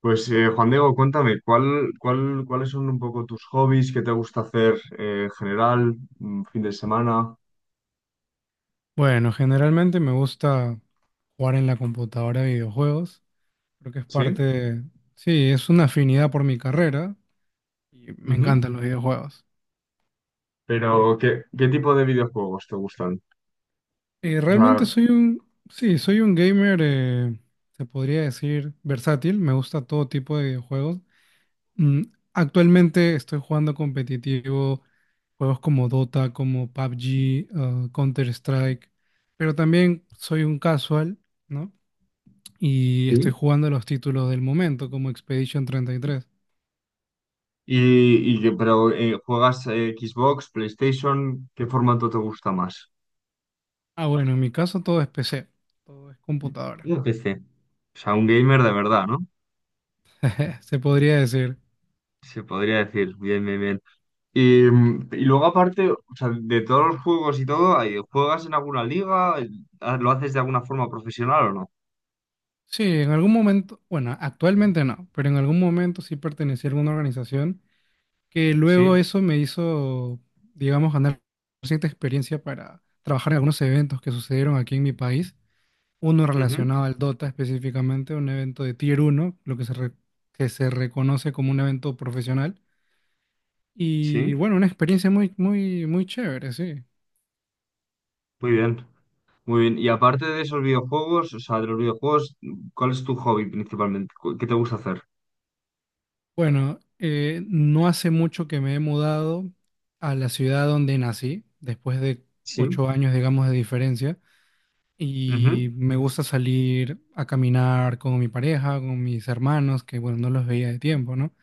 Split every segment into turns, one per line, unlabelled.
Pues Juan Diego, cuéntame, ¿ cuáles son un poco tus hobbies? ¿Qué te gusta hacer en general? ¿Fin de semana?
Bueno, generalmente me gusta jugar en la computadora a videojuegos. Creo que es parte
¿Sí?
de- Sí, es una afinidad por mi carrera y me
Ujú.
encantan los videojuegos.
Pero, ¿ qué tipo de videojuegos te gustan?
Eh,
O
realmente
sea,
soy un... Sí, soy un gamer, se podría decir, versátil. Me gusta todo tipo de videojuegos. Mm, actualmente estoy jugando competitivo, juegos como Dota, como PUBG, Counter-Strike, pero también soy un casual, ¿no? Y estoy
sí.
jugando los títulos del momento como Expedition 33.
Y ¿juegas Xbox, PlayStation? ¿Qué formato te gusta más?
Ah, bueno, en mi caso todo es PC, todo es computadora.
Yo PC. O sea, un gamer de verdad, ¿no?
Se podría decir.
Se podría decir, bien, bien, bien. Y, y luego aparte, o sea, de todos los juegos y todo, ahí, ¿juegas en alguna liga? Ah, ¿lo haces de alguna forma profesional o no?
Sí, en algún momento, bueno, actualmente no, pero en algún momento sí pertenecí a alguna organización que luego
Sí,
eso me hizo, digamos, ganar cierta experiencia para trabajar en algunos eventos que sucedieron aquí en mi país. Uno
ujú,
relacionado al Dota específicamente, un evento de Tier 1 lo que se, re- que se reconoce como un evento profesional. Y
sí,
bueno, una experiencia muy, muy, muy chévere, sí.
muy bien, muy bien. Y aparte de esos videojuegos, o sea, de los videojuegos, ¿cuál es tu hobby principalmente? ¿Qué te gusta hacer?
Bueno, no hace mucho que me he mudado a la ciudad donde nací, después de
Sí,
8 años, digamos, de diferencia.
ujú,
Y me gusta salir a caminar con mi pareja, con mis hermanos, que bueno, no los veía de tiempo, ¿no?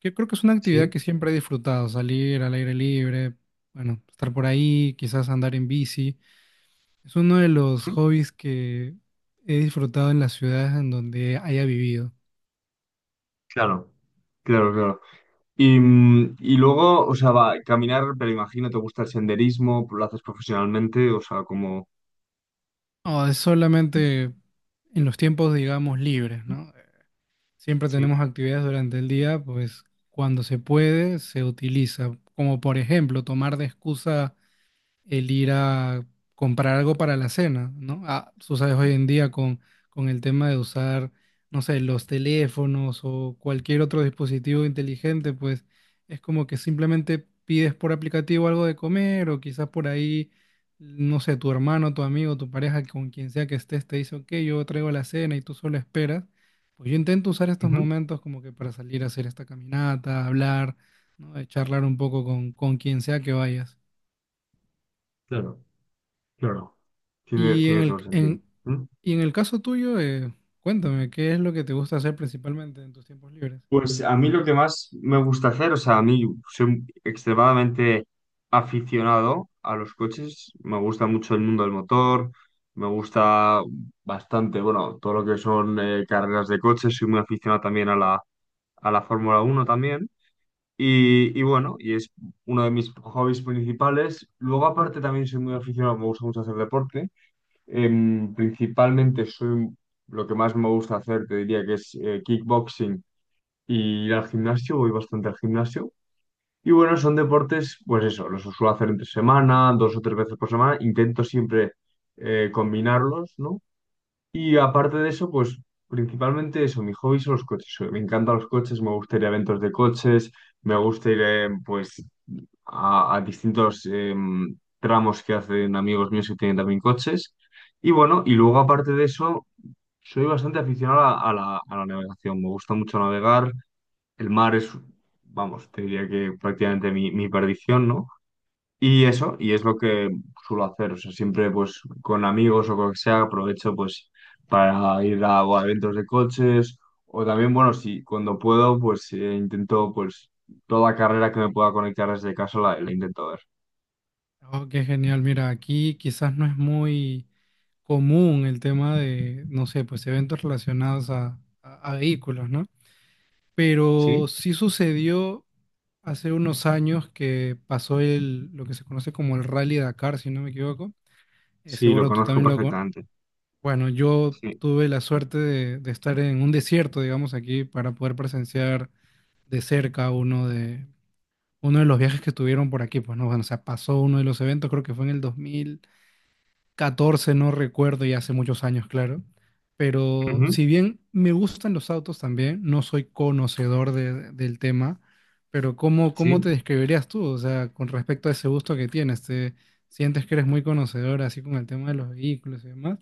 Yo creo que es una actividad
sí,
que siempre he disfrutado, salir al aire libre, bueno, estar por ahí, quizás andar en bici. Es uno de los
ujú,
hobbies que he disfrutado en las ciudades en donde haya vivido.
claro, claro, claro. Y, y luego, o sea, va, caminar, pero imagino te gusta el senderismo, lo haces profesionalmente, o sea, como...
No, es solamente en los tiempos, digamos, libres, ¿no? Siempre
Sí,
tenemos actividades durante el día, pues cuando se puede, se utiliza. Como por ejemplo, tomar de excusa el ir a comprar algo para la cena, ¿no? Ah, tú sabes, hoy en día con el tema de usar, no sé, los teléfonos o cualquier otro dispositivo inteligente, pues es como que simplemente pides por aplicativo algo de comer o quizás por ahí, no sé, tu hermano, tu amigo, tu pareja, con quien sea que estés, te dice, ok, yo traigo la cena y tú solo esperas. Pues yo intento usar estos
ujú,
momentos como que para salir a hacer esta caminata, hablar, ¿no? Charlar un poco con quien sea que vayas.
claro, claro. Tiene,
Y en
tiene todo
el,
el sentido.
en,
¿Mm?
y en el caso tuyo, cuéntame, ¿qué es lo que te gusta hacer principalmente en tus tiempos libres?
Pues a mí lo que más me gusta hacer, o sea, a mí soy extremadamente aficionado a los coches, me gusta mucho el mundo del motor, me gusta bastante, bueno, todo lo que son carreras de coches, soy muy aficionado también a a la Fórmula uno también, y bueno, y es uno de mis hobbies principales. Luego aparte también soy muy aficionado, me gusta mucho hacer deporte. Em, principalmente soy, un- lo que más me gusta hacer, te diría que es kickboxing y ir al gimnasio, voy bastante al gimnasio. Y bueno, son deportes, pues eso, los suelo hacer entre semana, dos o tres veces por semana, intento siempre combinarlos, ¿no? Y aparte de eso, pues principalmente eso, mi hobby son los coches. Me encantan los coches, me gusta ir a eventos de coches, me gusta ir, pues a distintos tramos que hacen amigos míos que tienen también coches. Y bueno, y luego aparte de eso, soy bastante aficionado a a la navegación. Me gusta mucho navegar. El mar es, vamos, te diría que prácticamente mi perdición, ¿no? Y eso, y es lo que suelo hacer. O sea, siempre pues con amigos o con lo que sea, aprovecho pues para ir a, o a eventos de coches. O también, bueno, si cuando puedo, pues intento pues toda carrera que me pueda conectar desde casa la intento ver.
Oh, qué genial. Mira, aquí quizás no es muy común el tema de, no sé, pues eventos relacionados a vehículos, ¿no? Pero
Sí,
sí sucedió hace unos años que pasó el, lo que se conoce como el Rally Dakar, si no me equivoco.
sí, lo
Seguro tú
conozco
también lo... con-
perfectamente.
Bueno, yo
Sí,
tuve la suerte de estar en un desierto, digamos, aquí para poder presenciar de cerca uno de los viajes que tuvieron por aquí, pues no, bueno, o sea, pasó uno de los eventos, creo que fue en el 2014, no recuerdo, y hace muchos años, claro. Pero
ujú,
si bien me gustan los autos también, no soy conocedor de- del tema, pero ¿cómo, cómo te
sí,
describirías tú? O sea, con respecto a ese gusto que tienes, ¿te sientes que eres muy conocedor así con el tema de los vehículos y demás?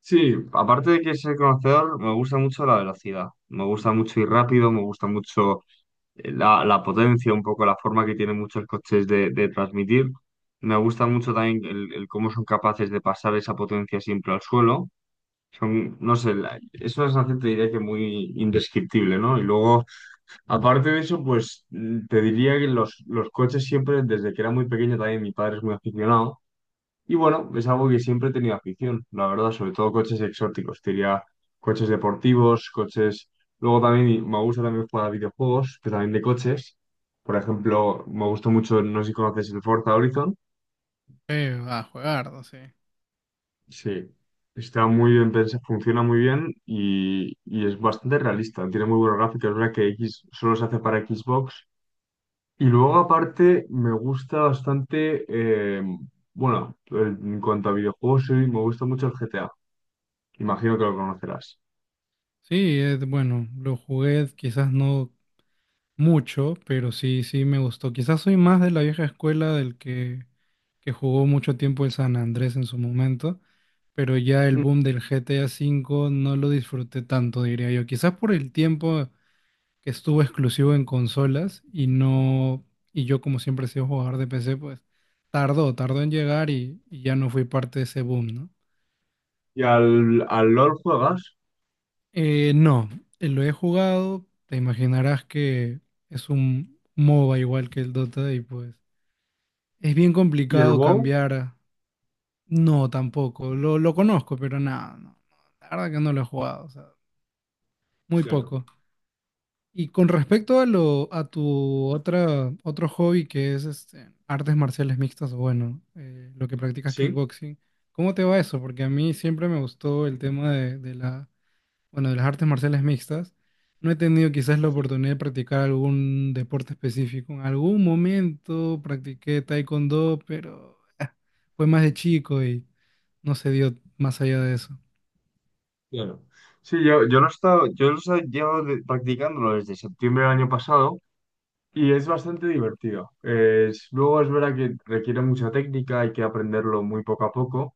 sí. Aparte de que ser conocedor, me gusta mucho la velocidad. Me gusta mucho ir rápido, me gusta mucho la potencia, un poco la forma que tienen muchos coches de transmitir. Me gusta mucho también el cómo son capaces de pasar esa potencia siempre al suelo. Son, no sé, es una sensación, te diría que muy indescriptible, ¿no? Y luego, aparte de eso, pues te diría que los coches siempre, desde que era muy pequeño también, mi padre es muy aficionado. Y bueno, es algo que siempre he tenido afición, la verdad, sobre todo coches exóticos. Te diría coches deportivos, coches. Luego también me gusta también jugar a videojuegos, pero también de coches. Por ejemplo, me gustó mucho, no sé si conoces el Forza Horizon.
A jugar, no sé.
Sí, está muy bien pensado, funciona muy bien y es bastante realista. Tiene muy buenos gráficos, es verdad que X solo se hace para Xbox. Y luego, aparte, me gusta bastante. Bueno, en cuanto a videojuegos, sí, me gusta mucho el GTA. Imagino que lo conocerás.
Sí, bueno, lo jugué quizás no mucho, pero sí, sí me gustó. Quizás soy más de la vieja escuela del que jugó mucho tiempo el San Andrés en su momento, pero ya el
Mm,
boom del GTA V no lo disfruté tanto, diría yo. Quizás por el tiempo que estuvo exclusivo en consolas y no, y yo como siempre he sido jugador de PC, pues tardó en llegar y ya no fui parte de ese boom, ¿no?
¿y al, al LOL juegas?
No, lo he jugado, te imaginarás que es un MOBA igual que el Dota y pues... Es bien
¿Y el
complicado
WoW?
cambiar. No, tampoco. Lo conozco, pero nada, no, no, la verdad que no lo he jugado, o sea, muy
Claro.
poco. Y con respecto a a tu otro hobby que es este, artes marciales mixtas, o bueno, lo que practicas
Sí,
kickboxing, ¿cómo te va eso? Porque a mí siempre me gustó el tema bueno, de las artes marciales mixtas, no he tenido quizás la
sí,
oportunidad de practicar algún deporte específico. En algún momento practiqué taekwondo, pero fue más de chico y no se dio más allá de eso.
claro. Sí, yo, yo lo he llevado practicándolo desde septiembre del año pasado y es bastante divertido. Es, luego es verdad que requiere mucha técnica, hay que aprenderlo muy poco a poco,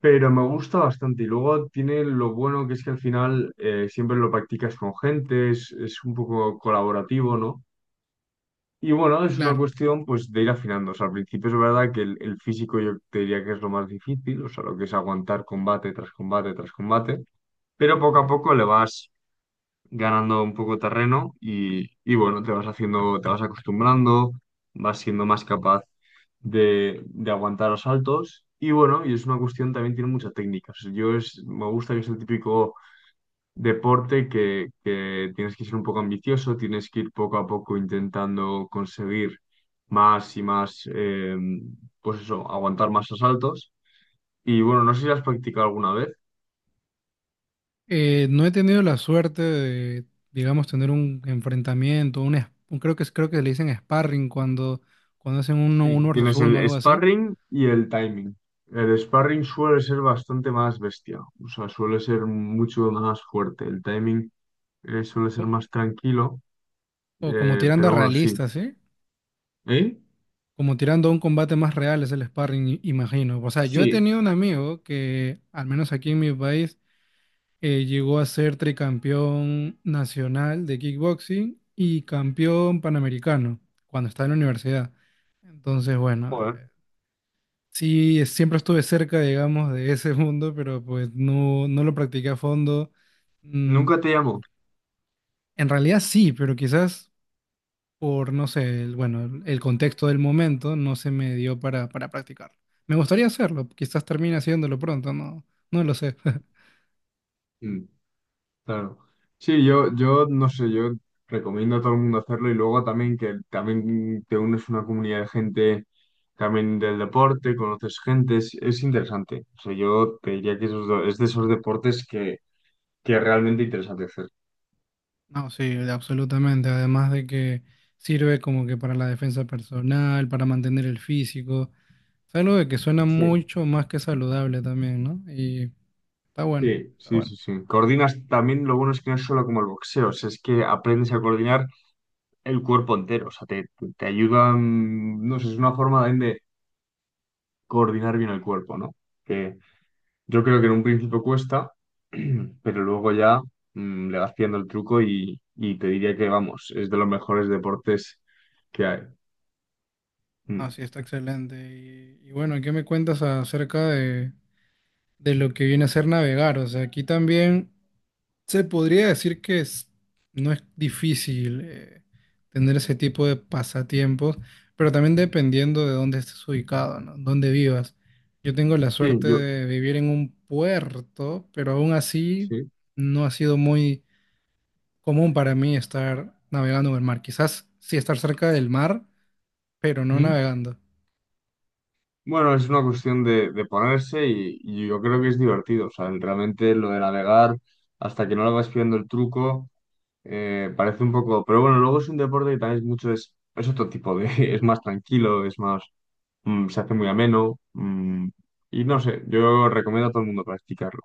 pero me gusta bastante. Y luego tiene lo bueno que es que al final siempre lo practicas con gente, es un poco colaborativo, ¿no? Y bueno, es una
Claro,
cuestión pues de ir afinando. O sea, al principio es verdad que el físico yo te diría que es lo más difícil, o sea, lo que es aguantar combate tras combate tras combate, pero poco a poco le vas ganando un poco terreno y bueno, te vas haciendo, te vas acostumbrando, vas siendo más capaz de aguantar asaltos y bueno, y es una cuestión también tiene mucha técnica. O sea, me gusta que es el típico deporte que tienes que ser un poco ambicioso, tienes que ir poco a poco intentando conseguir más y más, pues eso, aguantar más asaltos. Y bueno, no sé si has practicado alguna vez.
no he tenido la suerte de, digamos, tener un enfrentamiento, creo que creo que le dicen sparring cuando, hacen
Sí.
uno versus
Tienes el
uno o algo así,
sparring y el timing. El
o,
sparring suele ser bastante más bestia, o sea, suele ser mucho más fuerte. El timing suele ser más tranquilo,
o como tirando a
pero bueno, sí.
realista, ¿sí?
¿Eh?
Como tirando a un combate más real es el sparring, imagino. O sea, yo he
Sí,
tenido un amigo que, al menos aquí en mi país, llegó a ser tricampeón nacional de kickboxing y campeón panamericano cuando estaba en la universidad. Entonces, bueno,
joder.
sí, es- siempre estuve cerca, digamos, de ese mundo, pero pues no, no lo practiqué a fondo. Mm,
Nunca te llamo.
en realidad sí, pero quizás por, no sé, bueno, el contexto del momento no se me dio para, practicarlo. Me gustaría hacerlo, quizás termine haciéndolo pronto, no, no lo sé.
Claro. Sí, yo no sé, yo recomiendo a todo el mundo hacerlo y luego también que también te unes a una comunidad de gente también del deporte, conoces gente, es interesante. O sea, yo te diría que es de esos deportes que es realmente interesante hacer.
No, sí, absolutamente. Además de que sirve como que para la defensa personal, para mantener el físico. Es algo de que suena
Sí.
mucho más que saludable también, ¿no? Y está bueno,
Sí,
está
sí,
bueno.
sí, sí. Coordinas también, lo bueno es que no es solo como el boxeo, o sea, es que aprendes a coordinar el cuerpo entero, o sea, te, te ayuda, no sé, es una forma también de coordinar bien el cuerpo, ¿no? Que, yo creo que en un principio cuesta, pero luego ya le vas pillando el truco y te diría que, vamos, es de los mejores deportes que hay.
No,
Mm.
sí, está excelente. Y bueno, ¿qué me cuentas acerca de lo que viene a ser navegar? O sea, aquí también se podría decir que es- no es difícil tener ese tipo de pasatiempos, pero también dependiendo de dónde estés ubicado, ¿no? Dónde vivas. Yo tengo la
Sí,
suerte
yo,
de vivir en un puerto, pero aún así
sí.
no ha sido muy común para mí estar navegando en el mar. Quizás sí estar cerca del mar, pero no
Mm.
navegando.
Bueno, es una cuestión de ponerse y yo creo que es divertido. O sea, realmente lo de navegar hasta que no le vas pillando el truco parece un poco... Pero bueno, luego es un deporte que también es mucho... es otro tipo de... Es más tranquilo, es más... se hace muy ameno. Y no sé, yo recomiendo a todo el mundo practicarlo.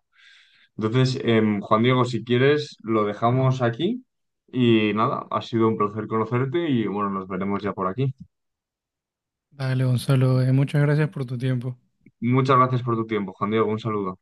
Entonces, Juan Diego, si quieres, lo dejamos aquí y nada, ha sido un placer conocerte y bueno, nos veremos ya por aquí.
Dale, Gonzalo, muchas gracias por tu tiempo.
Muchas gracias por tu tiempo, Juan Diego, un saludo.